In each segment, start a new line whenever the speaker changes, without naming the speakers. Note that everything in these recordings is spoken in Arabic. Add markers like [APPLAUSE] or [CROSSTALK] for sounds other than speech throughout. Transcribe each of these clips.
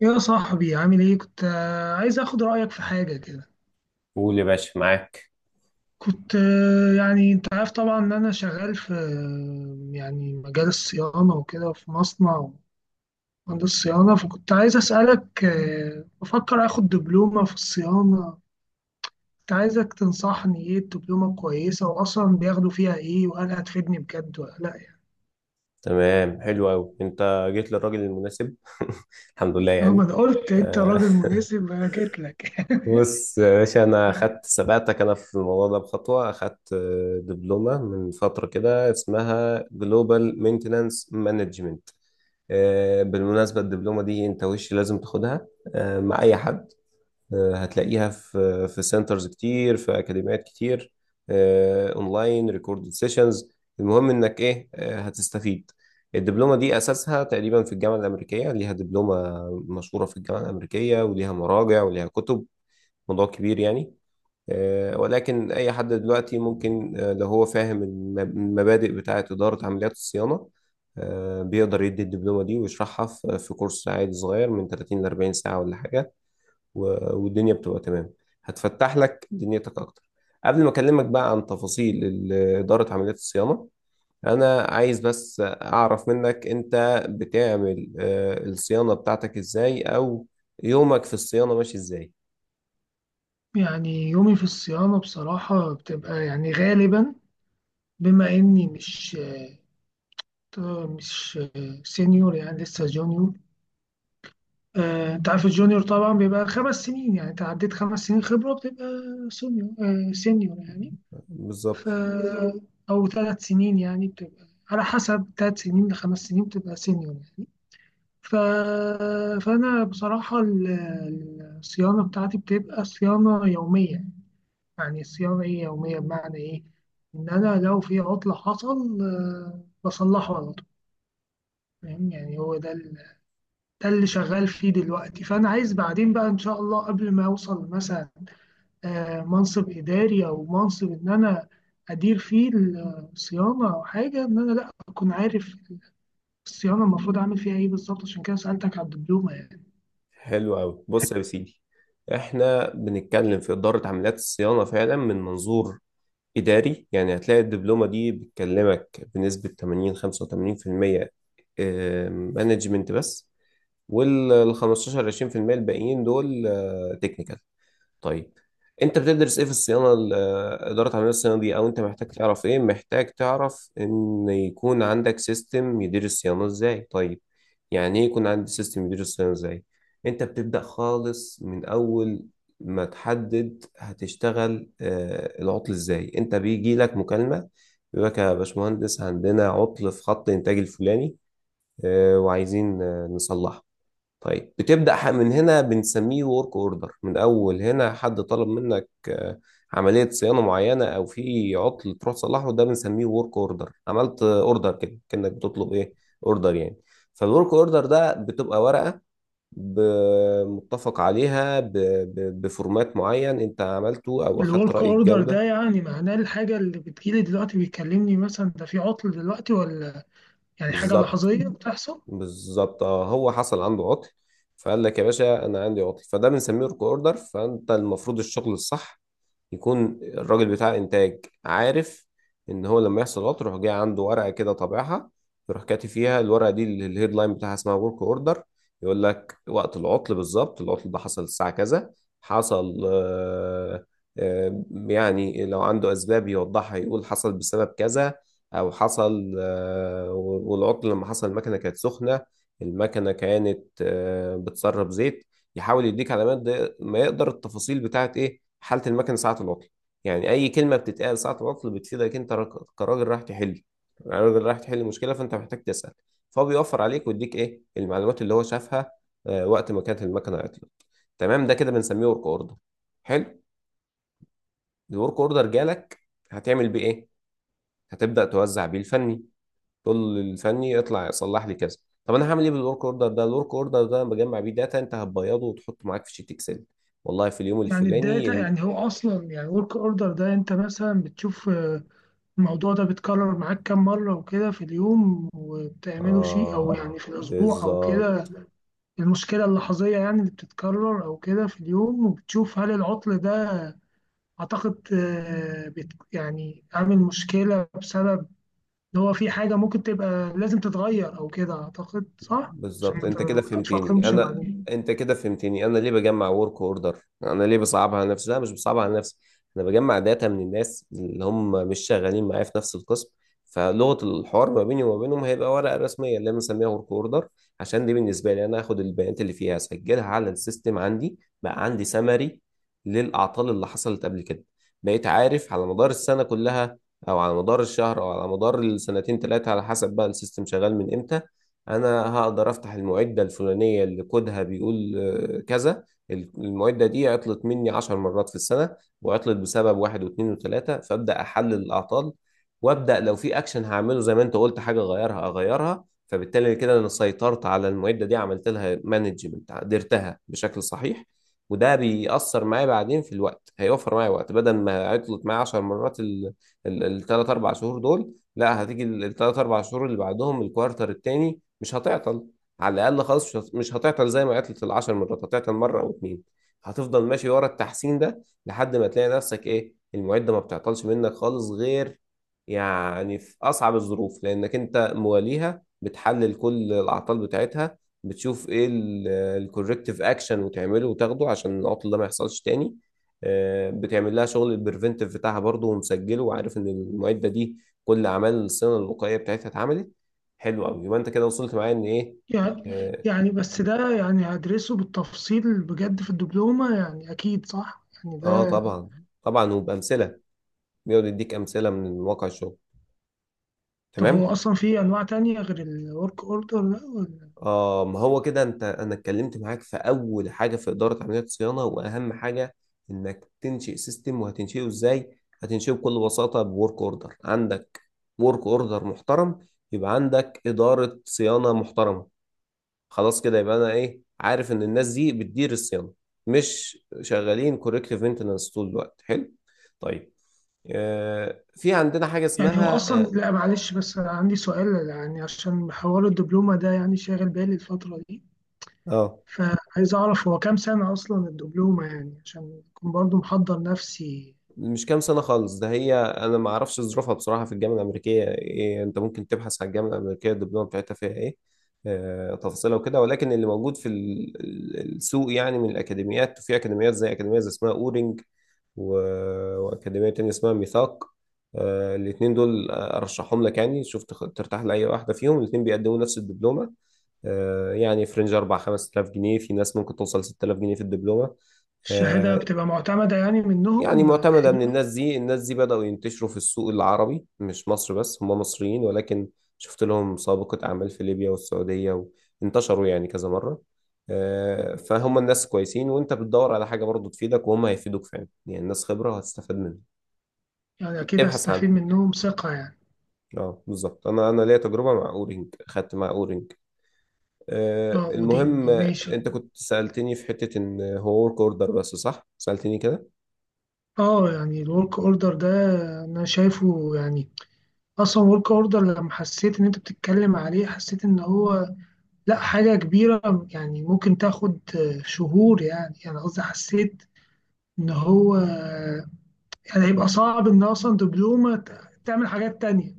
يا صاحبي عامل ايه؟ كنت عايز اخد رأيك في حاجة كده.
قول يا باشا، معاك.
كنت يعني انت عارف طبعا ان انا شغال في يعني مجال الصيانة وكده في مصنع، مهندس صيانة. فكنت عايز اسألك، بفكر اخد دبلومة في الصيانة. كنت عايزك تنصحني ايه، الدبلومة كويسة؟ واصلا بياخدوا فيها ايه؟ وهل هتفيدني بجد ولا لا يعني؟
تمام، حلو قوي، انت جيت للراجل المناسب. [LAUGHS] الحمد لله
رغم
يعني.
انا قلت انت
آه،
راجل مناسب انا جيت لك
[LAUGHS]
[LAUGHS]
بص يا باشا، انا خدت سبقتك انا في الموضوع ده بخطوه، خدت دبلومه من فتره كده اسمها جلوبال مينتنانس مانجمنت. بالمناسبه الدبلومه دي انت وش لازم تاخدها مع اي حد. هتلاقيها في سنترز كتير، في اكاديميات كتير، اونلاين ريكوردد سيشنز. المهم انك ايه، هتستفيد. الدبلومه دي اساسها تقريبا في الجامعه الامريكيه، ليها دبلومه مشهوره في الجامعه الامريكيه، وليها مراجع وليها كتب، موضوع كبير يعني. ولكن اي حد دلوقتي ممكن، لو هو فاهم المبادئ بتاعه اداره عمليات الصيانه، بيقدر يدي الدبلومه دي ويشرحها في كورس عادي صغير من 30 ل 40 ساعه ولا حاجه. والدنيا بتبقى تمام، هتفتح لك دنيتك اكتر. قبل ما اكلمك بقى عن تفاصيل اداره عمليات الصيانه، انا عايز بس اعرف منك، انت بتعمل الصيانه بتاعتك ازاي، او يومك في الصيانه ماشي ازاي؟
يعني يومي في الصيانة بصراحة بتبقى يعني غالبا، بما اني مش سينيور، يعني لسه جونيور. انت عارف الجونيور طبعا بيبقى خمس سنين، يعني انت عديت خمس سنين خبرة بتبقى سينيور. سينيور يعني. ف
بالظبط.
بالظبط. او ثلاث سنين يعني، بتبقى على حسب، ثلاث سنين لخمس سنين بتبقى سينيور يعني. ف... فانا بصراحة الصيانة بتاعتي بتبقى صيانة يومية. يعني الصيانة ايه يومية؟ بمعنى ايه؟ ان انا لو في عطلة حصل بصلحه على طول. فاهم؟ يعني هو ده ده اللي شغال فيه دلوقتي. فانا عايز بعدين بقى ان شاء الله قبل ما اوصل مثلا منصب اداري او منصب ان انا ادير فيه الصيانه او حاجه، ان انا لا اكون عارف الصيانه المفروض اعمل فيها ايه بالظبط. عشان كده سالتك على الدبلومه يعني.
حلو قوي، بص يا سيدي، احنا بنتكلم في اداره عمليات الصيانه فعلا من منظور اداري، يعني هتلاقي الدبلومه دي بتكلمك بنسبه 80 85% مانجمنت بس، وال 15 20% الباقيين دول تكنيكال. طيب، انت بتدرس ايه في الصيانه اداره عمليه الصيانه دي؟ او انت محتاج تعرف ايه؟ محتاج تعرف ان يكون عندك سيستم يدير الصيانه ازاي. طيب، يعني ايه يكون عندي سيستم يدير الصيانه ازاي؟ انت بتبدا خالص من اول ما تحدد هتشتغل العطل ازاي. انت بيجي لك مكالمه بيقول لك يا باشمهندس عندنا عطل في خط الانتاج الفلاني، وعايزين نصلحه. طيب بتبدأ من هنا، بنسميه ورك اوردر. من اول هنا حد طلب منك عملية صيانة معينة، او في عطل تروح تصلحه، ده بنسميه ورك اوردر. عملت اوردر كده، كأنك بتطلب ايه، اوردر يعني. فالورك اوردر ده بتبقى ورقة متفق عليها بفورمات معين انت عملته، او اخدت
الورك
رأي
اوردر
الجودة.
ده يعني معناه الحاجه اللي بتجيلي دلوقتي، بيكلمني مثلا ده في عطل دلوقتي، ولا يعني حاجه
بالظبط،
لحظيه بتحصل؟
بالظبط، اه هو حصل عنده عطل، فقال لك يا باشا انا عندي عطل، فده بنسميه ورك اوردر. فانت المفروض الشغل الصح يكون الراجل بتاع انتاج عارف ان هو لما يحصل غلط يروح، جاي عنده ورقه كده طابعها، يروح كاتب فيها. الورقه دي اللي الهيد لاين بتاعها اسمها ورك اوردر، يقول لك وقت العطل بالظبط، العطل ده حصل الساعه كذا، حصل آه، يعني لو عنده اسباب يوضحها يقول حصل بسبب كذا، او حصل والعطل لما حصل المكنه كانت سخنه، المكنه كانت بتسرب زيت، يحاول يديك علامات، ده ما يقدر التفاصيل بتاعت ايه حالة المكنة ساعة العطل. يعني اي كلمة بتتقال ساعة العطل بتفيدك انت كراجل رايح تحل، راجل رايح تحل مشكلة، فانت محتاج تسأل. فهو بيوفر عليك ويديك ايه المعلومات اللي هو شافها وقت ما كانت المكنة عطلت. تمام، ده كده بنسميه ورك اوردر. حلو، الورك اوردر جالك، هتعمل بيه ايه؟ هتبدأ توزع بيه الفني، تقول للفني اطلع صلح لي كذا. طب انا هعمل ايه بالورك اوردر ده؟ الورك اوردر ده بجمع بيه داتا، انت هتبيضه وتحطه معاك في شيت اكسل، والله في اليوم
يعني
الفلاني.
الداتا يعني، هو اصلا يعني ورك اوردر ده، انت مثلا بتشوف الموضوع ده بيتكرر معاك كام مرة وكده في اليوم، وبتعمله شيء أو يعني
اه
في الأسبوع أو
بالظبط.
كده؟ المشكلة اللحظية يعني اللي بتتكرر أو كده في اليوم، وبتشوف هل العطل ده أعتقد يعني عامل مشكلة بسبب إن هو في حاجة ممكن تبقى لازم تتغير أو كده، أعتقد صح؟ عشان
بالظبط،
ما تتفاقمش بعدين.
انت كده فهمتني انا ليه بجمع ورك اوردر، انا ليه بصعبها على نفسي. لا، مش بصعبها على نفسي، انا بجمع داتا من الناس اللي هم مش شغالين معايا في نفس القسم، فلغه الحوار ما بيني وما بينهم هيبقى ورقه رسميه اللي انا مسميها ورك اوردر، عشان دي بالنسبه لي. انا هاخد البيانات اللي فيها اسجلها على السيستم، عندي بقى عندي سمري للاعطال اللي حصلت قبل كده، بقيت عارف على مدار السنه كلها، او على مدار الشهر، او على مدار السنتين ثلاثه على حسب بقى السيستم شغال من امتى. انا هقدر افتح المعده الفلانيه اللي كودها بيقول كذا، المعده دي عطلت مني 10 مرات في السنه، وعطلت بسبب واحد واثنين وثلاثه، فابدا احلل الاعطال، وابدا لو في اكشن هعمله زي ما انت قلت حاجه اغيرها اغيرها، فبالتالي كده انا سيطرت على المعده دي، عملت لها مانجمنت، قدرتها بشكل صحيح. وده بيأثر معايا بعدين في الوقت، هيوفر معايا وقت. بدل ما عطلت معايا 10 مرات الثلاث اربع شهور دول، لا، هتيجي الثلاث اربع شهور اللي بعدهم، الكوارتر التاني، مش هتعطل. على الاقل خالص مش مش هتعطل زي ما عطلت ال10 مرات، هتعطل مره او اتنين. هتفضل ماشي ورا التحسين ده لحد ما تلاقي نفسك ايه، المعده ما بتعطلش منك خالص غير يعني في اصعب الظروف، لانك انت مواليها، بتحلل كل الاعطال بتاعتها، بتشوف ايه الكوركتيف اكشن، وتعمله وتاخده عشان العطل ده ما يحصلش تاني. بتعمل لها شغل البريفنتيف بتاعها برضه ومسجله، وعارف ان المعده دي كل اعمال الصيانه الوقائيه بتاعتها اتعملت. حلو قوي، يبقى انت كده وصلت معايا ان ايه.
يعني
اه.
يعني بس ده يعني هدرسه بالتفصيل بجد في الدبلومة، يعني أكيد صح؟ يعني ده
طبعا، طبعا وبامثله، بيقعد يديك امثله من واقع الشغل.
طب هو
تمام.
أصلا في أنواع تانية غير الورك أوردر ده ولا؟
اه ما هو كده انت، انا اتكلمت معاك في اول حاجه في اداره عمليات الصيانه، واهم حاجه انك تنشئ سيستم. وهتنشئه ازاي؟ هتنشئه بكل بساطه بورك اوردر، عندك ورك اوردر محترم يبقى عندك اداره صيانه محترمه. خلاص كده يبقى انا ايه، عارف ان الناس دي بتدير الصيانه، مش شغالين كوركتيف مينتنس طول الوقت. حلو، طيب، في عندنا حاجة
يعني هو
اسمها
أصلا،
اه.
لا معلش، بس أنا عندي سؤال يعني عشان حوار الدبلومة ده يعني شاغل بالي الفترة دي،
آه،
فعايز أعرف هو كام سنة أصلا الدبلومة يعني عشان أكون برضو محضر نفسي.
مش كام سنة خالص ده، هي أنا ما أعرفش ظروفها بصراحة، في الجامعة الأمريكية إيه. أنت ممكن تبحث على الجامعة الأمريكية الدبلومة بتاعتها فيها إيه، تفاصيلها وكده. ولكن اللي موجود في السوق يعني من الأكاديميات، وفي أكاديميات زي أكاديمية زي اسمها أورنج، و... وأكاديمية تانية اسمها ميثاق. الاتنين دول أرشحهم لك يعني، شوف ترتاح لأي واحدة فيهم، الاتنين بيقدموا نفس الدبلومة. يعني فرنج 4 5000 جنيه، في ناس ممكن توصل 6000 جنيه في الدبلومة.
الشهادة
آه،
بتبقى معتمدة يعني
يعني
منهم
معتمدة من
حلوة؟
الناس دي، الناس دي بدأوا ينتشروا في السوق العربي، مش مصر بس، هم مصريين ولكن شفت لهم سابقة أعمال في ليبيا والسعودية، وانتشروا يعني كذا مرة. فهم الناس كويسين، وانت بتدور على حاجة برضو تفيدك، وهم هيفيدوك فعلا، يعني الناس خبرة وهتستفاد منها،
يعني أكيد
ابحث
هستفيد
عنها.
منهم، ثقة يعني.
اه بالظبط، انا ليا تجربة مع اورينج، خدت مع اورينج.
اه
المهم،
ودين ماشي.
انت كنت سألتني في حتة ان هو ورك اوردر بس، صح، سألتني كده.
اه يعني الورك اوردر ده انا شايفه يعني، اصلا ورك اوردر لما حسيت ان انت بتتكلم عليه حسيت ان هو لا حاجة كبيرة، يعني ممكن تاخد شهور يعني. يعني قصدي حسيت إن هو يعني هيبقى صعب إن أصلا دبلومة تعمل حاجات تانية.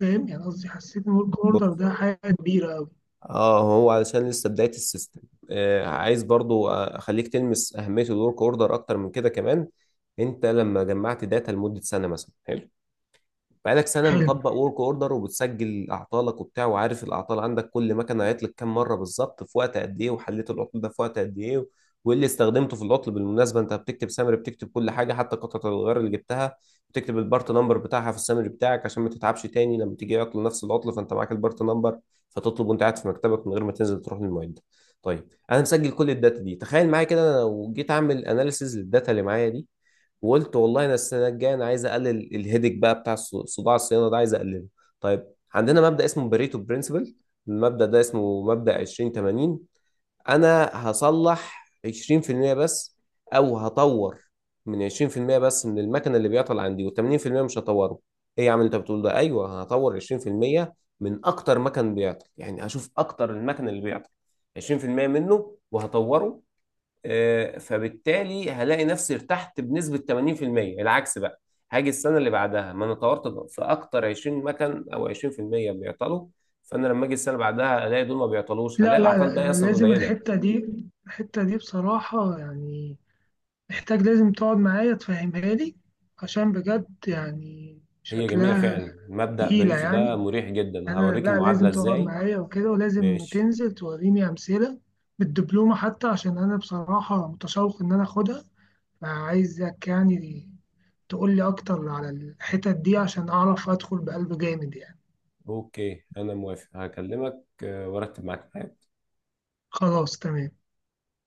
فاهم يعني؟ قصدي حسيت إن ورك أوردر ده حاجة كبيرة أوي.
اه هو علشان لسه بداية السيستم، آه عايز برضو اخليك تلمس اهمية الورك اوردر اكتر من كده كمان. انت لما جمعت داتا لمدة سنة مثلا، حلو، بقالك سنة
حلو.
مطبق ورك اوردر، وبتسجل اعطالك وبتاع، وعارف الاعطال عندك، كل مكنة عطلت كام مرة بالظبط، في وقت قد ايه، وحليت العطل ده في وقت قد ايه، وايه اللي استخدمته في العطل. بالمناسبة انت بتكتب سامري، بتكتب كل حاجة، حتى قطعة الغيار اللي جبتها بتكتب البارت نمبر بتاعها في السامري بتاعك، عشان ما تتعبش تاني لما تيجي عطل نفس العطل، فانت معاك البارت نمبر فتطلب وانت قاعد في مكتبك من غير ما تنزل تروح للمعد. طيب انا مسجل كل الداتا دي، تخيل معايا كده، انا لو جيت اعمل اناليسيز للداتا اللي معايا دي وقلت والله انا السنه الجايه انا عايز اقلل الهيدك بقى بتاع صداع الصيانه ده، عايز اقلله. طيب، عندنا مبدا اسمه بريتو برنسبل، المبدا ده اسمه مبدا 20 80. انا هصلح 20% بس، او هطور من 20% بس من المكنه اللي بيعطل عندي، و80% مش هطوره. ايه يا عم اللي انت بتقول ده؟ ايوه، هطور 20% من اكتر مكن بيعطل، يعني هشوف اكتر المكن اللي بيعطل 20% منه وهطوره. فبالتالي هلاقي نفسي ارتحت بنسبة 80%. العكس بقى، هاجي السنة اللي بعدها، ما انا طورت في اكتر 20 مكن او 20% بيعطلوا، فانا لما اجي السنة اللي بعدها الاقي دول ما بيعطلوش،
لا
هلاقي
لا
العطال
لا،
بقى
أنا
اصلا
لازم
قليلة.
الحتة دي، الحتة دي بصراحة يعني محتاج، لازم تقعد معايا تفهمها لي، عشان بجد يعني
هي جميلة
شكلها
فعلا مبدأ
تقيلة
بريتو ده،
يعني.
مريح جدا.
انا
هوريك
لا،
المعادلة
لازم تقعد
ازاي.
معايا وكده، ولازم
ماشي.
تنزل توريني امثله بالدبلومه حتى، عشان انا بصراحه متشوق ان انا اخدها. فعايزك يعني تقول لي اكتر على الحتت دي عشان اعرف ادخل بقلب جامد يعني.
اوكي، انا موافق، هكلمك وارتب معاك.
خلاص تمام.